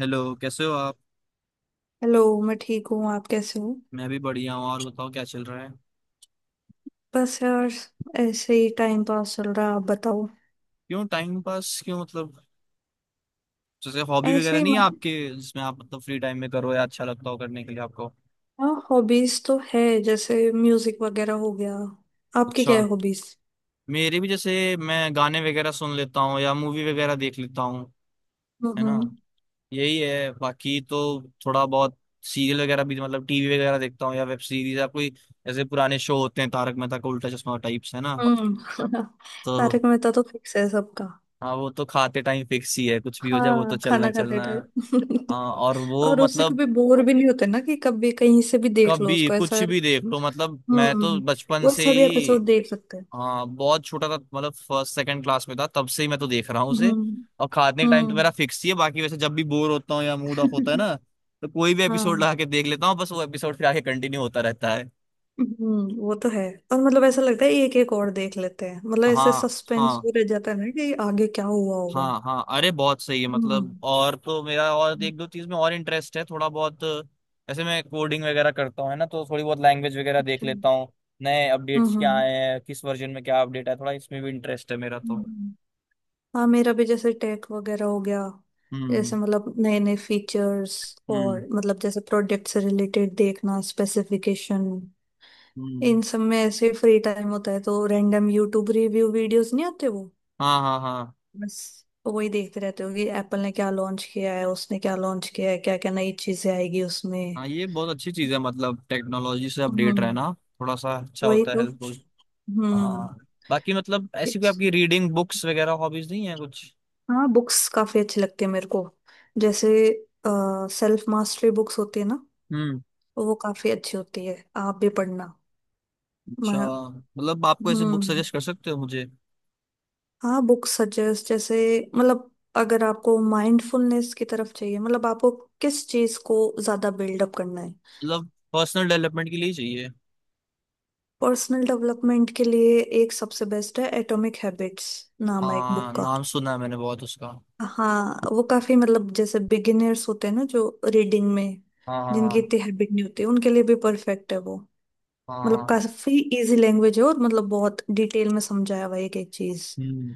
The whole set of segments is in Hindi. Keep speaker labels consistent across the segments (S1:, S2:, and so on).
S1: हेलो, कैसे हो आप।
S2: हेलो, मैं ठीक हूँ। आप कैसे हो?
S1: मैं भी बढ़िया हूँ। और बताओ क्या चल रहा है।
S2: बस यार, ऐसे ही टाइम पास चल रहा है। आप बताओ।
S1: क्यों टाइम पास क्यों मतलब। जैसे हॉबी
S2: ऐसे
S1: वगैरह
S2: ही
S1: नहीं है
S2: मतलब,
S1: आपके, जिसमें आप मतलब फ्री टाइम में करो या अच्छा लगता हो करने के लिए आपको।
S2: हाँ हॉबीज तो है जैसे म्यूजिक वगैरह हो गया। आपकी क्या
S1: अच्छा।
S2: है हॉबीज?
S1: मेरे भी, जैसे मैं गाने वगैरह सुन लेता हूँ या मूवी वगैरह देख लेता हूँ। है ना।
S2: हम्म।
S1: यही है बाकी तो। थोड़ा बहुत। सीरियल वगैरह भी मतलब टीवी वगैरह देखता हूँ या वेब सीरीज या कोई। जैसे पुराने शो होते हैं, तारक मेहता का उल्टा चश्मा टाइप्स, है ना।
S2: हम्म।
S1: तो।
S2: तारक मेहता तो फिक्स है सबका।
S1: हाँ, वो तो खाते टाइम फिक्स ही है, कुछ भी हो जाए वो तो
S2: हाँ,
S1: चलना
S2: खाना
S1: ही
S2: खाते
S1: चलना है।
S2: टाइम
S1: हाँ, और वो
S2: और उससे
S1: मतलब।
S2: कभी बोर भी नहीं होते ना कि कभी कहीं से भी देख लो
S1: कभी
S2: उसको,
S1: कुछ
S2: ऐसा।
S1: भी देख लो, मतलब मैं तो
S2: हम्म,
S1: बचपन
S2: वो
S1: से
S2: ऐसा भी
S1: ही।
S2: एपिसोड देख सकते हैं।
S1: हाँ, बहुत छोटा था, मतलब फर्स्ट सेकंड क्लास में था, तब से ही मैं तो देख रहा हूँ उसे।
S2: हम्म।
S1: और खाने का टाइम तो
S2: हम्म।
S1: मेरा फिक्स ही है। बाकी वैसे जब भी बोर होता हूँ या मूड ऑफ होता है ना, तो कोई भी एपिसोड
S2: हाँ।
S1: लगा के देख लेता हूँ, बस वो एपिसोड फिर आगे कंटिन्यू होता रहता है।
S2: हम्म, वो तो है। और मतलब ऐसा लगता है एक एक और देख लेते हैं। मतलब ऐसे
S1: हाँ।
S2: सस्पेंस
S1: हाँ।
S2: भी रह जाता है ना कि आगे क्या हुआ होगा।
S1: हाँ हाँ, अरे बहुत सही है।
S2: हम्म।
S1: मतलब और तो मेरा और एक दो चीज में और इंटरेस्ट है थोड़ा बहुत। ऐसे मैं कोडिंग वगैरह करता हूँ, है ना, तो थोड़ी बहुत लैंग्वेज वगैरह देख
S2: हम्म।
S1: लेता हूँ। नए अपडेट्स क्या
S2: हम्म
S1: आए हैं, किस वर्जन में क्या अपडेट है, थोड़ा इसमें भी इंटरेस्ट है मेरा तो।
S2: हम्म। हाँ, मेरा भी जैसे टेक वगैरह हो गया।
S1: हम्म।
S2: जैसे मतलब नए नए फीचर्स
S1: हम्म।
S2: और मतलब जैसे प्रोडक्ट से रिलेटेड देखना, स्पेसिफिकेशन,
S1: हम्म।
S2: इन सब में। ऐसे फ्री टाइम होता है तो रैंडम यूट्यूब रिव्यू वीडियोस नहीं आते वो,
S1: हाँ हाँ हाँ।
S2: बस वही देखते रहते हो कि एप्पल ने क्या लॉन्च किया है, उसने क्या लॉन्च किया है, क्या क्या नई चीजें आएगी उसमें।
S1: हाँ, ये बहुत अच्छी चीज है मतलब टेक्नोलॉजी से अपडेट
S2: हम्म।
S1: रहना। थोड़ा सा अच्छा
S2: वही
S1: होता है,
S2: तो।
S1: हेल्पफुल।
S2: हम्म।
S1: हाँ। बाकी मतलब ऐसी कोई
S2: it's-
S1: आपकी रीडिंग बुक्स वगैरह हॉबीज नहीं है कुछ।
S2: हाँ, बुक्स काफी अच्छी लगती है मेरे को। जैसे सेल्फ मास्टरी बुक्स होती है ना,
S1: हम्म।
S2: तो वो काफी अच्छी होती है। आप भी पढ़ना।
S1: अच्छा।
S2: मैं,
S1: मतलब आपको ऐसे बुक
S2: हम्म,
S1: सजेस्ट कर सकते हो मुझे।
S2: हाँ बुक्स सजेस्ट जैसे मतलब, अगर आपको माइंडफुलनेस की तरफ चाहिए मतलब आपको किस चीज को ज्यादा बिल्डअप करना है।
S1: मतलब पर्सनल डेवलपमेंट के लिए ही चाहिए।
S2: पर्सनल डेवलपमेंट के लिए एक सबसे बेस्ट है एटॉमिक हैबिट्स। नाम है एक बुक
S1: हाँ,
S2: का।
S1: नाम सुना है मैंने बहुत उसका।
S2: हाँ, वो काफी मतलब जैसे बिगिनर्स होते हैं ना जो रीडिंग में,
S1: हाँ
S2: जिनकी
S1: हाँ।
S2: इतनी हैबिट नहीं होती, उनके लिए भी परफेक्ट है वो।
S1: हाँ
S2: मतलब
S1: हाँ।
S2: काफी इजी लैंग्वेज है और मतलब बहुत डिटेल में समझाया हुआ है एक एक चीज।
S1: हम्म।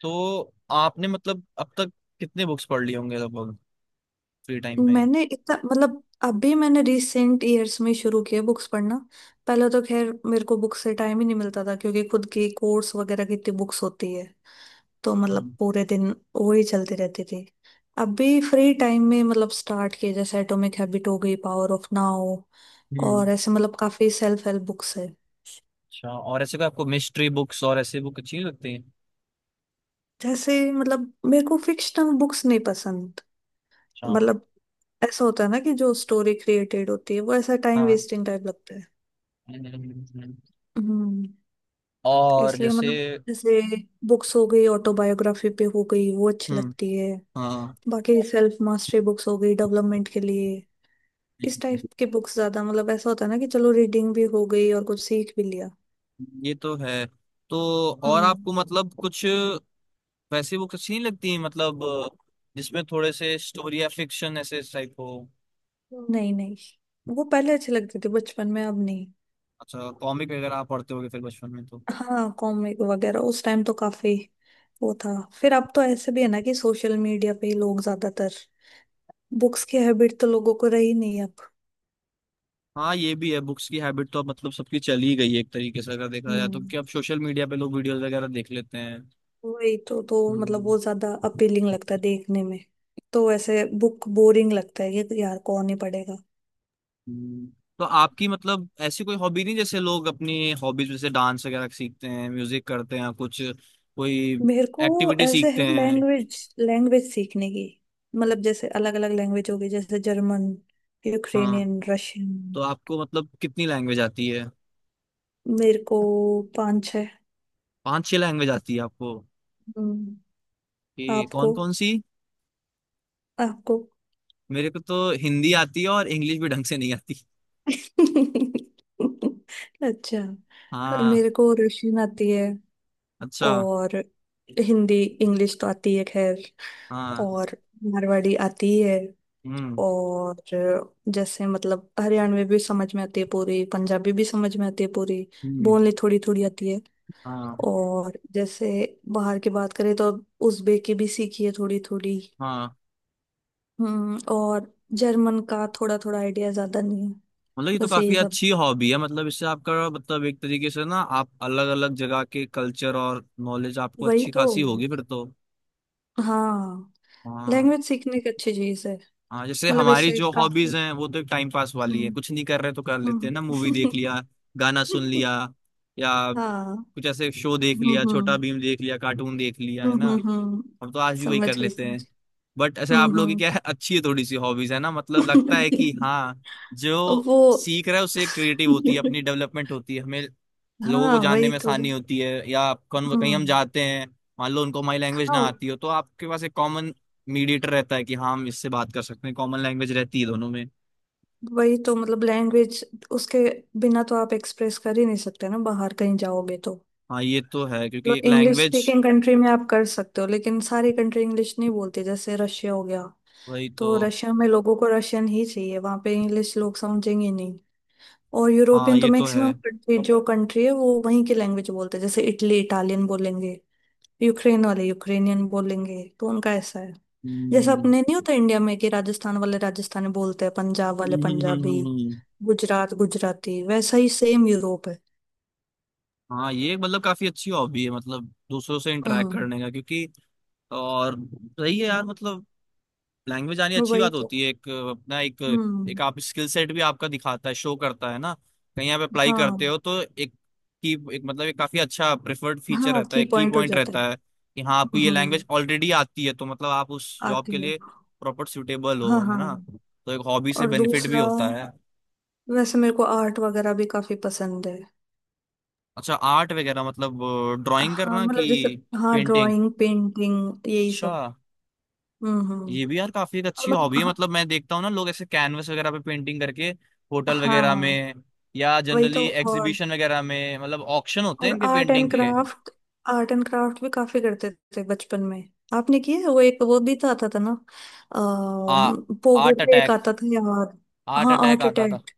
S1: तो आपने मतलब अब तक कितने बुक्स पढ़ लिए होंगे लगभग, फ्री टाइम में।
S2: मैंने इतना मतलब, अभी मैंने रिसेंट ईयर्स में शुरू किया बुक्स पढ़ना। पहले तो खैर मेरे को बुक्स से टाइम ही नहीं मिलता था क्योंकि खुद की कोर्स वगैरह की इतनी बुक्स होती है, तो मतलब
S1: हम्म।
S2: पूरे दिन वो ही चलती रहती थी। अब भी फ्री टाइम में मतलब स्टार्ट किए, जैसे एटॉमिक हैबिट हो गई, पावर ऑफ नाउ
S1: हम्म।
S2: और ऐसे मतलब काफी सेल्फ हेल्प बुक्स है।
S1: अच्छा, और ऐसे कोई आपको मिस्ट्री बुक्स और ऐसे बुक अच्छी लगती हैं।
S2: जैसे मतलब मेरे को फिक्शनल बुक्स नहीं पसंद।
S1: अच्छा।
S2: मतलब ऐसा होता है ना कि जो स्टोरी क्रिएटेड होती है वो ऐसा टाइम
S1: हाँ।
S2: वेस्टिंग टाइप लगता है।
S1: हम्म।
S2: हम्म।
S1: और
S2: इसलिए
S1: जैसे।
S2: मतलब जैसे बुक्स हो गई ऑटोबायोग्राफी पे, हो गई वो अच्छी
S1: हम्म।
S2: लगती है।
S1: हाँ,
S2: बाकी सेल्फ मास्टरी बुक्स हो गई डेवलपमेंट के लिए, इस टाइप के बुक्स ज्यादा। मतलब ऐसा होता है ना कि चलो रीडिंग भी हो गई और कुछ सीख भी लिया।
S1: ये तो है। तो और आपको
S2: हम्म।
S1: मतलब कुछ वैसी बुक्स अच्छी नहीं लगती हैं, मतलब जिसमें थोड़े से स्टोरी या फिक्शन ऐसे टाइप हो।
S2: नहीं नहीं, वो पहले अच्छे लगते थे बचपन में, अब नहीं।
S1: अच्छा, कॉमिक वगैरह आप पढ़ते होगे फिर बचपन में तो।
S2: हाँ कॉमिक वगैरह उस टाइम तो काफी वो था। फिर अब तो ऐसे भी है ना कि सोशल मीडिया पे ही लोग ज्यादातर, बुक्स की हैबिट तो लोगों को रही नहीं अब।
S1: हाँ, ये भी है। बुक्स की हैबिट तो अब मतलब सबकी चली गई है एक तरीके से, अगर देखा जाए तो, कि
S2: हम्म।
S1: अब सोशल मीडिया पे लोग वीडियोस वगैरह देख लेते हैं।
S2: वही तो मतलब
S1: हम्म।
S2: वो ज्यादा अपीलिंग लगता है देखने में, तो ऐसे बुक बोरिंग लगता है कि यार कौन ही पढ़ेगा।
S1: हम्म। तो आपकी मतलब ऐसी कोई हॉबी नहीं, जैसे लोग अपनी हॉबीज जैसे डांस वगैरह सीखते हैं, म्यूजिक करते हैं कुछ, कोई
S2: मेरे को
S1: एक्टिविटी
S2: ऐसे
S1: सीखते
S2: है
S1: हैं।
S2: लैंग्वेज, लैंग्वेज सीखने की। मतलब जैसे अलग अलग लैंग्वेज होगी जैसे जर्मन,
S1: हाँ।
S2: Ukrainian, Russian.
S1: तो आपको मतलब कितनी लैंग्वेज आती है।
S2: मेरे को पांच छः।
S1: पांच छह लैंग्वेज आती है आपको,
S2: हम्म।
S1: कि कौन
S2: आपको,
S1: कौन सी।
S2: आपको
S1: मेरे को तो हिंदी आती है, और इंग्लिश भी ढंग से नहीं आती।
S2: अच्छा,
S1: हाँ।
S2: मेरे को रशियन आती है
S1: अच्छा।
S2: और हिंदी इंग्लिश तो आती है खैर,
S1: हाँ।
S2: और मारवाड़ी आती है।
S1: हम्म।
S2: और जैसे मतलब हरियाणवी भी समझ में आती है पूरी, पंजाबी भी समझ में आती है पूरी,
S1: हम्म।
S2: बोलनी थोड़ी थोड़ी आती है।
S1: हाँ।
S2: और जैसे बाहर की बात करें तो उज़्बेक भी सीखी है थोड़ी थोड़ी।
S1: हाँ।
S2: हम्म। और जर्मन का थोड़ा थोड़ा आइडिया, ज्यादा नहीं है।
S1: मतलब ये तो
S2: बस यही
S1: काफी
S2: सब।
S1: अच्छी हॉबी है, मतलब इससे आपका मतलब एक तरीके से ना, आप अलग अलग जगह के कल्चर और नॉलेज आपको
S2: वही
S1: अच्छी
S2: तो।
S1: खासी होगी फिर तो।
S2: हाँ,
S1: हाँ।
S2: लैंग्वेज सीखने की अच्छी चीज है।
S1: हाँ, जैसे
S2: मतलब
S1: हमारी
S2: इससे
S1: जो
S2: काफी।
S1: हॉबीज हैं वो तो एक टाइम पास वाली है,
S2: हम्म।
S1: कुछ नहीं कर रहे तो कर लेते हैं
S2: हम्म।
S1: ना। मूवी देख लिया, गाना सुन लिया, या
S2: हाँ।
S1: कुछ ऐसे शो देख
S2: हम्म।
S1: लिया, छोटा
S2: हम्म।
S1: भीम देख लिया, कार्टून देख लिया, है
S2: हम्म।
S1: ना।
S2: हम्म।
S1: हम तो आज भी वही कर
S2: समझ गई,
S1: लेते
S2: समझ
S1: हैं। बट
S2: गई।
S1: अच्छा, आप
S2: हम्म।
S1: लोगों की
S2: हम्म।
S1: क्या है, अच्छी है थोड़ी सी हॉबीज, है ना, मतलब लगता है कि हाँ, जो
S2: वो,
S1: सीख रहा है उससे क्रिएटिव होती है, अपनी डेवलपमेंट होती है हमें। लोगों को
S2: हाँ
S1: जानने
S2: वही
S1: में
S2: तो।
S1: आसानी होती है, या कौन कहीं हम
S2: हम्म।
S1: जाते हैं, मान लो उनको हमारी लैंग्वेज ना
S2: हाँ,
S1: आती हो, तो आपके पास एक कॉमन मीडिएटर रहता है, कि हाँ, हम इससे बात कर सकते हैं, कॉमन लैंग्वेज रहती है दोनों में।
S2: वही तो। मतलब लैंग्वेज उसके बिना तो आप एक्सप्रेस कर ही नहीं सकते ना, बाहर कहीं जाओगे तो।
S1: हाँ, ये तो है, क्योंकि
S2: मतलब
S1: एक
S2: इंग्लिश
S1: लैंग्वेज।
S2: स्पीकिंग कंट्री में आप कर सकते हो, लेकिन सारी कंट्री इंग्लिश नहीं बोलती। जैसे रशिया हो गया,
S1: वही तो।
S2: तो रशिया में लोगों को रशियन ही चाहिए, वहां पे इंग्लिश लोग समझेंगे नहीं। और
S1: हाँ,
S2: यूरोपियन तो
S1: ये तो है।
S2: मैक्सिमम कंट्री, जो कंट्री है वो वहीं की लैंग्वेज बोलते हैं। जैसे इटली इटालियन बोलेंगे, यूक्रेन वाले यूक्रेनियन बोलेंगे, तो उनका ऐसा है। जैसे
S1: हम्म
S2: अपने नहीं होता इंडिया में कि राजस्थान वाले राजस्थानी बोलते हैं, पंजाब वाले
S1: हम्म हम्म हम्म
S2: पंजाबी,
S1: हम्म, हम्म।
S2: गुजरात गुजराती। वैसा ही सेम यूरोप है।
S1: हाँ, ये एक मतलब काफी अच्छी हॉबी है, मतलब दूसरों से इंटरेक्ट
S2: हम्म।
S1: करने का, क्योंकि और, सही है यार, मतलब लैंग्वेज आनी अच्छी
S2: वही
S1: बात
S2: तो।
S1: होती है, एक अपना एक,
S2: हम्म।
S1: एक आप स्किल सेट भी आपका दिखाता है, शो करता है ना। कहीं आप अप्लाई
S2: हाँ,
S1: करते हो तो एक की, एक मतलब एक काफी अच्छा प्रेफर्ड फीचर
S2: हाँ
S1: रहता
S2: की
S1: है, की
S2: पॉइंट हो
S1: पॉइंट
S2: जाता है।
S1: रहता है कि हाँ, आपको ये
S2: हम्म,
S1: लैंग्वेज ऑलरेडी आती है तो मतलब आप उस जॉब
S2: आती
S1: के
S2: है।
S1: लिए प्रॉपर सुटेबल हो,
S2: हाँ
S1: है
S2: हाँ।
S1: ना, तो एक हॉबी से
S2: और
S1: बेनिफिट भी
S2: दूसरा,
S1: होता है।
S2: वैसे मेरे को आर्ट वगैरह भी काफी पसंद है।
S1: अच्छा, आर्ट वगैरह मतलब ड्राइंग
S2: हाँ
S1: करना,
S2: मतलब
S1: कि
S2: जैसे, हाँ
S1: पेंटिंग।
S2: ड्राइंग पेंटिंग यही
S1: अच्छा।
S2: सब। हम्म। हम्म।
S1: ये भी यार काफी एक
S2: और
S1: अच्छी हॉबी
S2: मतलब
S1: है,
S2: हाँ।
S1: मतलब मैं देखता हूँ ना, लोग ऐसे कैनवस वगैरह पे पेंटिंग करके होटल वगैरह
S2: हाँ।
S1: में, या
S2: वही
S1: जनरली
S2: तो। और
S1: एग्जीबिशन वगैरह में मतलब ऑक्शन होते हैं
S2: और
S1: इनके
S2: आर्ट
S1: पेंटिंग
S2: एंड
S1: के।
S2: क्राफ्ट, आर्ट एंड क्राफ्ट भी काफी करते थे बचपन में। आपने किया है वो, एक वो भी तो आता था ना,
S1: आ
S2: अः पोगो
S1: आर्ट
S2: पे एक
S1: अटैक।
S2: आता था यार।
S1: आर्ट
S2: हाँ,
S1: अटैक
S2: आर्ट
S1: आता था।
S2: अटैक।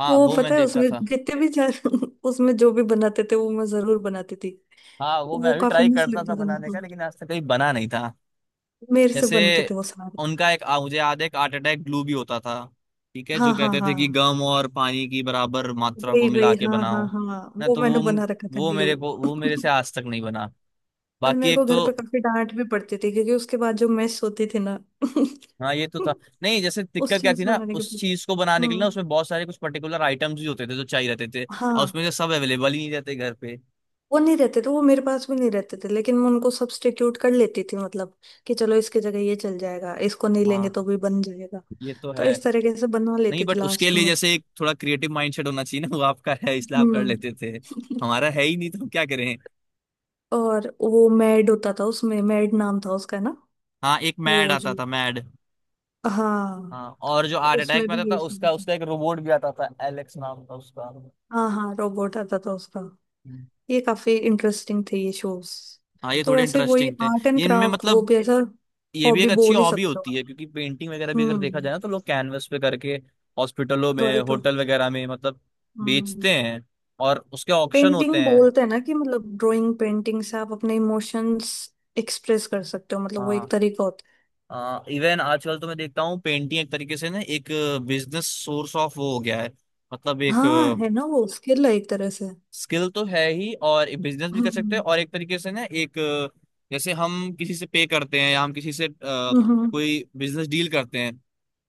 S1: हाँ,
S2: वो
S1: वो
S2: पता
S1: मैं
S2: है
S1: देखता
S2: उसमें
S1: था।
S2: जितने भी उसमें जो भी बनाते थे वो मैं जरूर बनाती थी।
S1: हाँ, वो मैं
S2: वो
S1: अभी
S2: काफी
S1: ट्राई
S2: मिस
S1: करता था
S2: लगता था
S1: बनाने का,
S2: मुझको,
S1: लेकिन आज तक कहीं बना नहीं था।
S2: मेरे से
S1: जैसे
S2: बनते थे वो सारे।
S1: उनका एक मुझे याद है, एक आर्ट अटैक ग्लू भी होता था। ठीक है, जो
S2: हाँ हाँ
S1: कहते
S2: हाँ,
S1: थे कि गम और पानी की बराबर मात्रा को
S2: वही
S1: मिला
S2: वही,
S1: के
S2: हाँ हाँ
S1: बनाओ
S2: हाँ,
S1: ना,
S2: वो
S1: तो
S2: मैंने
S1: वो
S2: बना रखा था
S1: वो
S2: ग्लू।
S1: मेरे को वो मेरे से आज तक नहीं बना।
S2: और
S1: बाकी
S2: मेरे को
S1: एक
S2: घर
S1: तो।
S2: पे काफी डांट भी पड़ती थी क्योंकि उसके बाद जो मेस होती थी ना
S1: हाँ, ये तो था। नहीं, जैसे
S2: उस
S1: दिक्कत क्या
S2: चीज
S1: थी ना
S2: बनाने के
S1: उस
S2: पीछे।
S1: चीज को बनाने के लिए ना,
S2: हम्म,
S1: उसमें बहुत सारे कुछ पर्टिकुलर आइटम्स भी होते थे जो चाहिए रहते थे, और उसमें
S2: हाँ।
S1: से सब अवेलेबल ही नहीं रहते घर पे।
S2: वो नहीं रहते थे, वो मेरे पास भी नहीं रहते थे, लेकिन मैं उनको सब्स्टिट्यूट कर लेती थी मतलब, कि चलो इसकी जगह ये चल जाएगा, इसको नहीं लेंगे
S1: हाँ,
S2: तो भी बन जाएगा।
S1: ये तो
S2: तो
S1: है।
S2: इस तरीके से बनवा
S1: नहीं,
S2: लेती थी
S1: बट उसके
S2: लास्ट
S1: लिए
S2: में।
S1: जैसे एक थोड़ा क्रिएटिव माइंडसेट होना चाहिए ना, वो आपका है इसलिए आप कर
S2: हम्म।
S1: लेते थे। हमारा है ही नहीं तो हम क्या करें।
S2: और वो मैड होता था, उसमें मैड नाम था उसका ना।
S1: हाँ, एक मैड
S2: वो
S1: आता
S2: जो,
S1: था, मैड।
S2: हाँ।
S1: हाँ, और जो हार्ट अटैक
S2: उसमें
S1: में
S2: भी
S1: आता
S2: ये
S1: था,
S2: सब
S1: उसका
S2: था।
S1: उसका एक रोबोट भी आता था, एलेक्स नाम था उसका। हम्म।
S2: हाँ हाँ, रोबोट आता था उसका। ये काफी इंटरेस्टिंग थे ये शोज।
S1: हाँ, ये
S2: तो
S1: थोड़े
S2: वैसे वही
S1: इंटरेस्टिंग थे
S2: आर्ट एंड
S1: ये, इनमें
S2: क्राफ्ट, वो
S1: मतलब
S2: भी ऐसा
S1: ये भी एक
S2: हॉबी
S1: अच्छी
S2: बोल ही
S1: हॉबी
S2: सकते हो
S1: होती
S2: आप।
S1: है, क्योंकि पेंटिंग वगैरह भी अगर देखा
S2: हम्म।
S1: जाए ना, तो लोग कैनवस पे करके हॉस्पिटलों में,
S2: वही तो।
S1: होटल वगैरह में मतलब
S2: हम्म।
S1: बेचते हैं, और उसके ऑक्शन
S2: पेंटिंग
S1: होते हैं।
S2: बोलते हैं ना कि मतलब ड्राइंग पेंटिंग से आप अपने इमोशंस एक्सप्रेस कर सकते हो। मतलब वो एक
S1: हाँ,
S2: तरीका होता
S1: इवन आजकल तो मैं देखता हूँ पेंटिंग एक तरीके से ना, एक बिजनेस सोर्स ऑफ वो हो गया है। मतलब
S2: है।
S1: एक
S2: हाँ, है ना, वो स्किल है एक तरह से।
S1: स्किल तो है ही, और बिजनेस भी कर सकते हैं,
S2: हम्म।
S1: और एक तरीके से ना एक जैसे हम किसी से पे करते हैं, या हम किसी से
S2: हम्म।
S1: कोई बिजनेस डील करते हैं,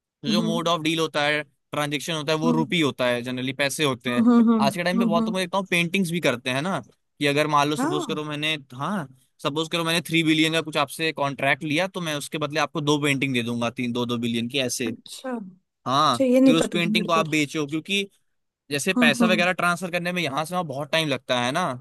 S1: तो जो
S2: हम्म।
S1: मोड ऑफ डील होता है, ट्रांजेक्शन होता है वो
S2: हम्म।
S1: रुपी होता है, जनरली पैसे होते हैं।
S2: हम्म। हम्म। हम्म।
S1: आज के टाइम
S2: हम्म,
S1: पे
S2: हम्म,
S1: बहुत तो मैं
S2: हम्म।
S1: देखता हूँ पेंटिंग्स भी करते हैं ना, कि अगर मान लो, सपोज
S2: हाँ।
S1: करो मैंने, हाँ, सपोज करो मैंने 3 बिलियन का कुछ आपसे कॉन्ट्रैक्ट लिया, तो मैं उसके बदले आपको दो पेंटिंग दे दूंगा, तीन, 2-2 बिलियन की ऐसे।
S2: अच्छा,
S1: हाँ।
S2: अच्छा, ये
S1: फिर
S2: नहीं
S1: उस
S2: पता था
S1: पेंटिंग
S2: मेरे
S1: को
S2: को।
S1: आप बेचो, क्योंकि जैसे
S2: हम्म।
S1: पैसा
S2: हम्म।
S1: वगैरह ट्रांसफर करने में यहाँ से वहाँ बहुत टाइम लगता है ना,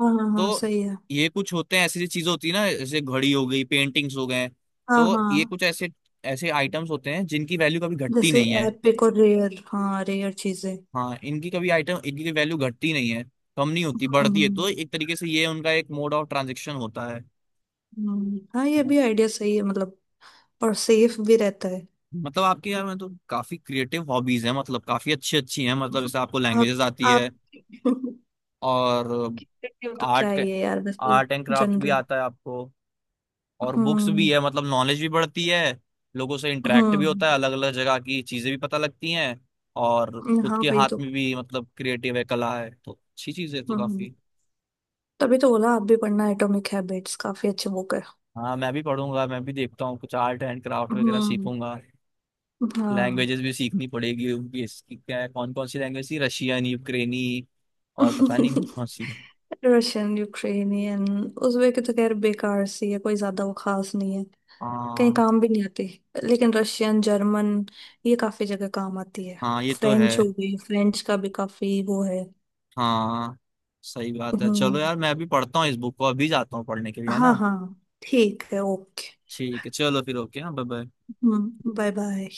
S2: हाँ हाँ हाँ,
S1: तो
S2: सही है।
S1: ये कुछ होते हैं, ऐसी चीजें होती है ना, जैसे घड़ी हो गई, पेंटिंग्स हो गए,
S2: हाँ
S1: तो ये
S2: हाँ,
S1: कुछ ऐसे ऐसे आइटम्स होते हैं जिनकी वैल्यू कभी घटती
S2: जैसे
S1: नहीं है।
S2: एपिक और रेयर, हाँ रेयर चीजें।
S1: हाँ, इनकी कभी वैल्यू घटती नहीं है, कम नहीं होती,
S2: हम्म।
S1: बढ़ती है, तो
S2: हम्म।
S1: एक तरीके से ये उनका एक मोड ऑफ ट्रांजेक्शन होता है।
S2: हाँ ये भी आइडिया सही है मतलब, और सेफ भी रहता है।
S1: मतलब आपके, यार, में तो काफी क्रिएटिव हॉबीज हैं, मतलब काफी अच्छी अच्छी हैं, मतलब जैसे आपको
S2: आप
S1: लैंग्वेजेस आती है,
S2: आप
S1: और
S2: क्रिकेट हो तो क्या
S1: आर्ट
S2: ही है यार, बस ये
S1: आर्ट एंड क्राफ्ट भी
S2: जनरल।
S1: आता है आपको, और बुक्स भी
S2: हम्म।
S1: है, मतलब नॉलेज भी बढ़ती है, लोगों से इंटरेक्ट भी
S2: हम्म।
S1: होता है, अलग अलग जगह की चीजें भी पता लगती हैं, और खुद
S2: हाँ
S1: के
S2: भाई,
S1: हाथ
S2: तो
S1: में भी मतलब क्रिएटिव है, कला है, तो अच्छी चीज है तो
S2: हम्म,
S1: काफी।
S2: तभी तो बोला आप भी पढ़ना एटॉमिक हैबिट्स, काफी अच्छे बुक है।
S1: हाँ, मैं भी पढ़ूंगा, मैं भी देखता हूँ कुछ आर्ट एंड क्राफ्ट वगैरह
S2: हम्म।
S1: सीखूंगा।
S2: हाँ।
S1: लैंग्वेजेस भी सीखनी पड़ेगी, उनकी इसकी क्या है, कौन कौन सी लैंग्वेज थी, रशियन, यूक्रेनी, और पता नहीं कौन कौन सी है।
S2: Russian, Ukrainian. उज़्बेक की तो खैर बेकार सी है, कोई ज्यादा वो खास नहीं है, कहीं
S1: हाँ।
S2: काम भी नहीं आती। लेकिन रशियन, जर्मन, ये काफी जगह काम आती है।
S1: हाँ, ये तो है।
S2: फ्रेंच हो गई, फ्रेंच का भी काफी वो है।
S1: हाँ, सही बात है। चलो
S2: हम्म।
S1: यार, मैं अभी पढ़ता हूँ इस बुक को, अभी जाता हूँ पढ़ने के लिए, है
S2: हाँ
S1: ना।
S2: हाँ, ठीक है, ओके।
S1: ठीक है, चलो फिर ओके, हाँ, बाय बाय।
S2: हम्म, बाय बाय।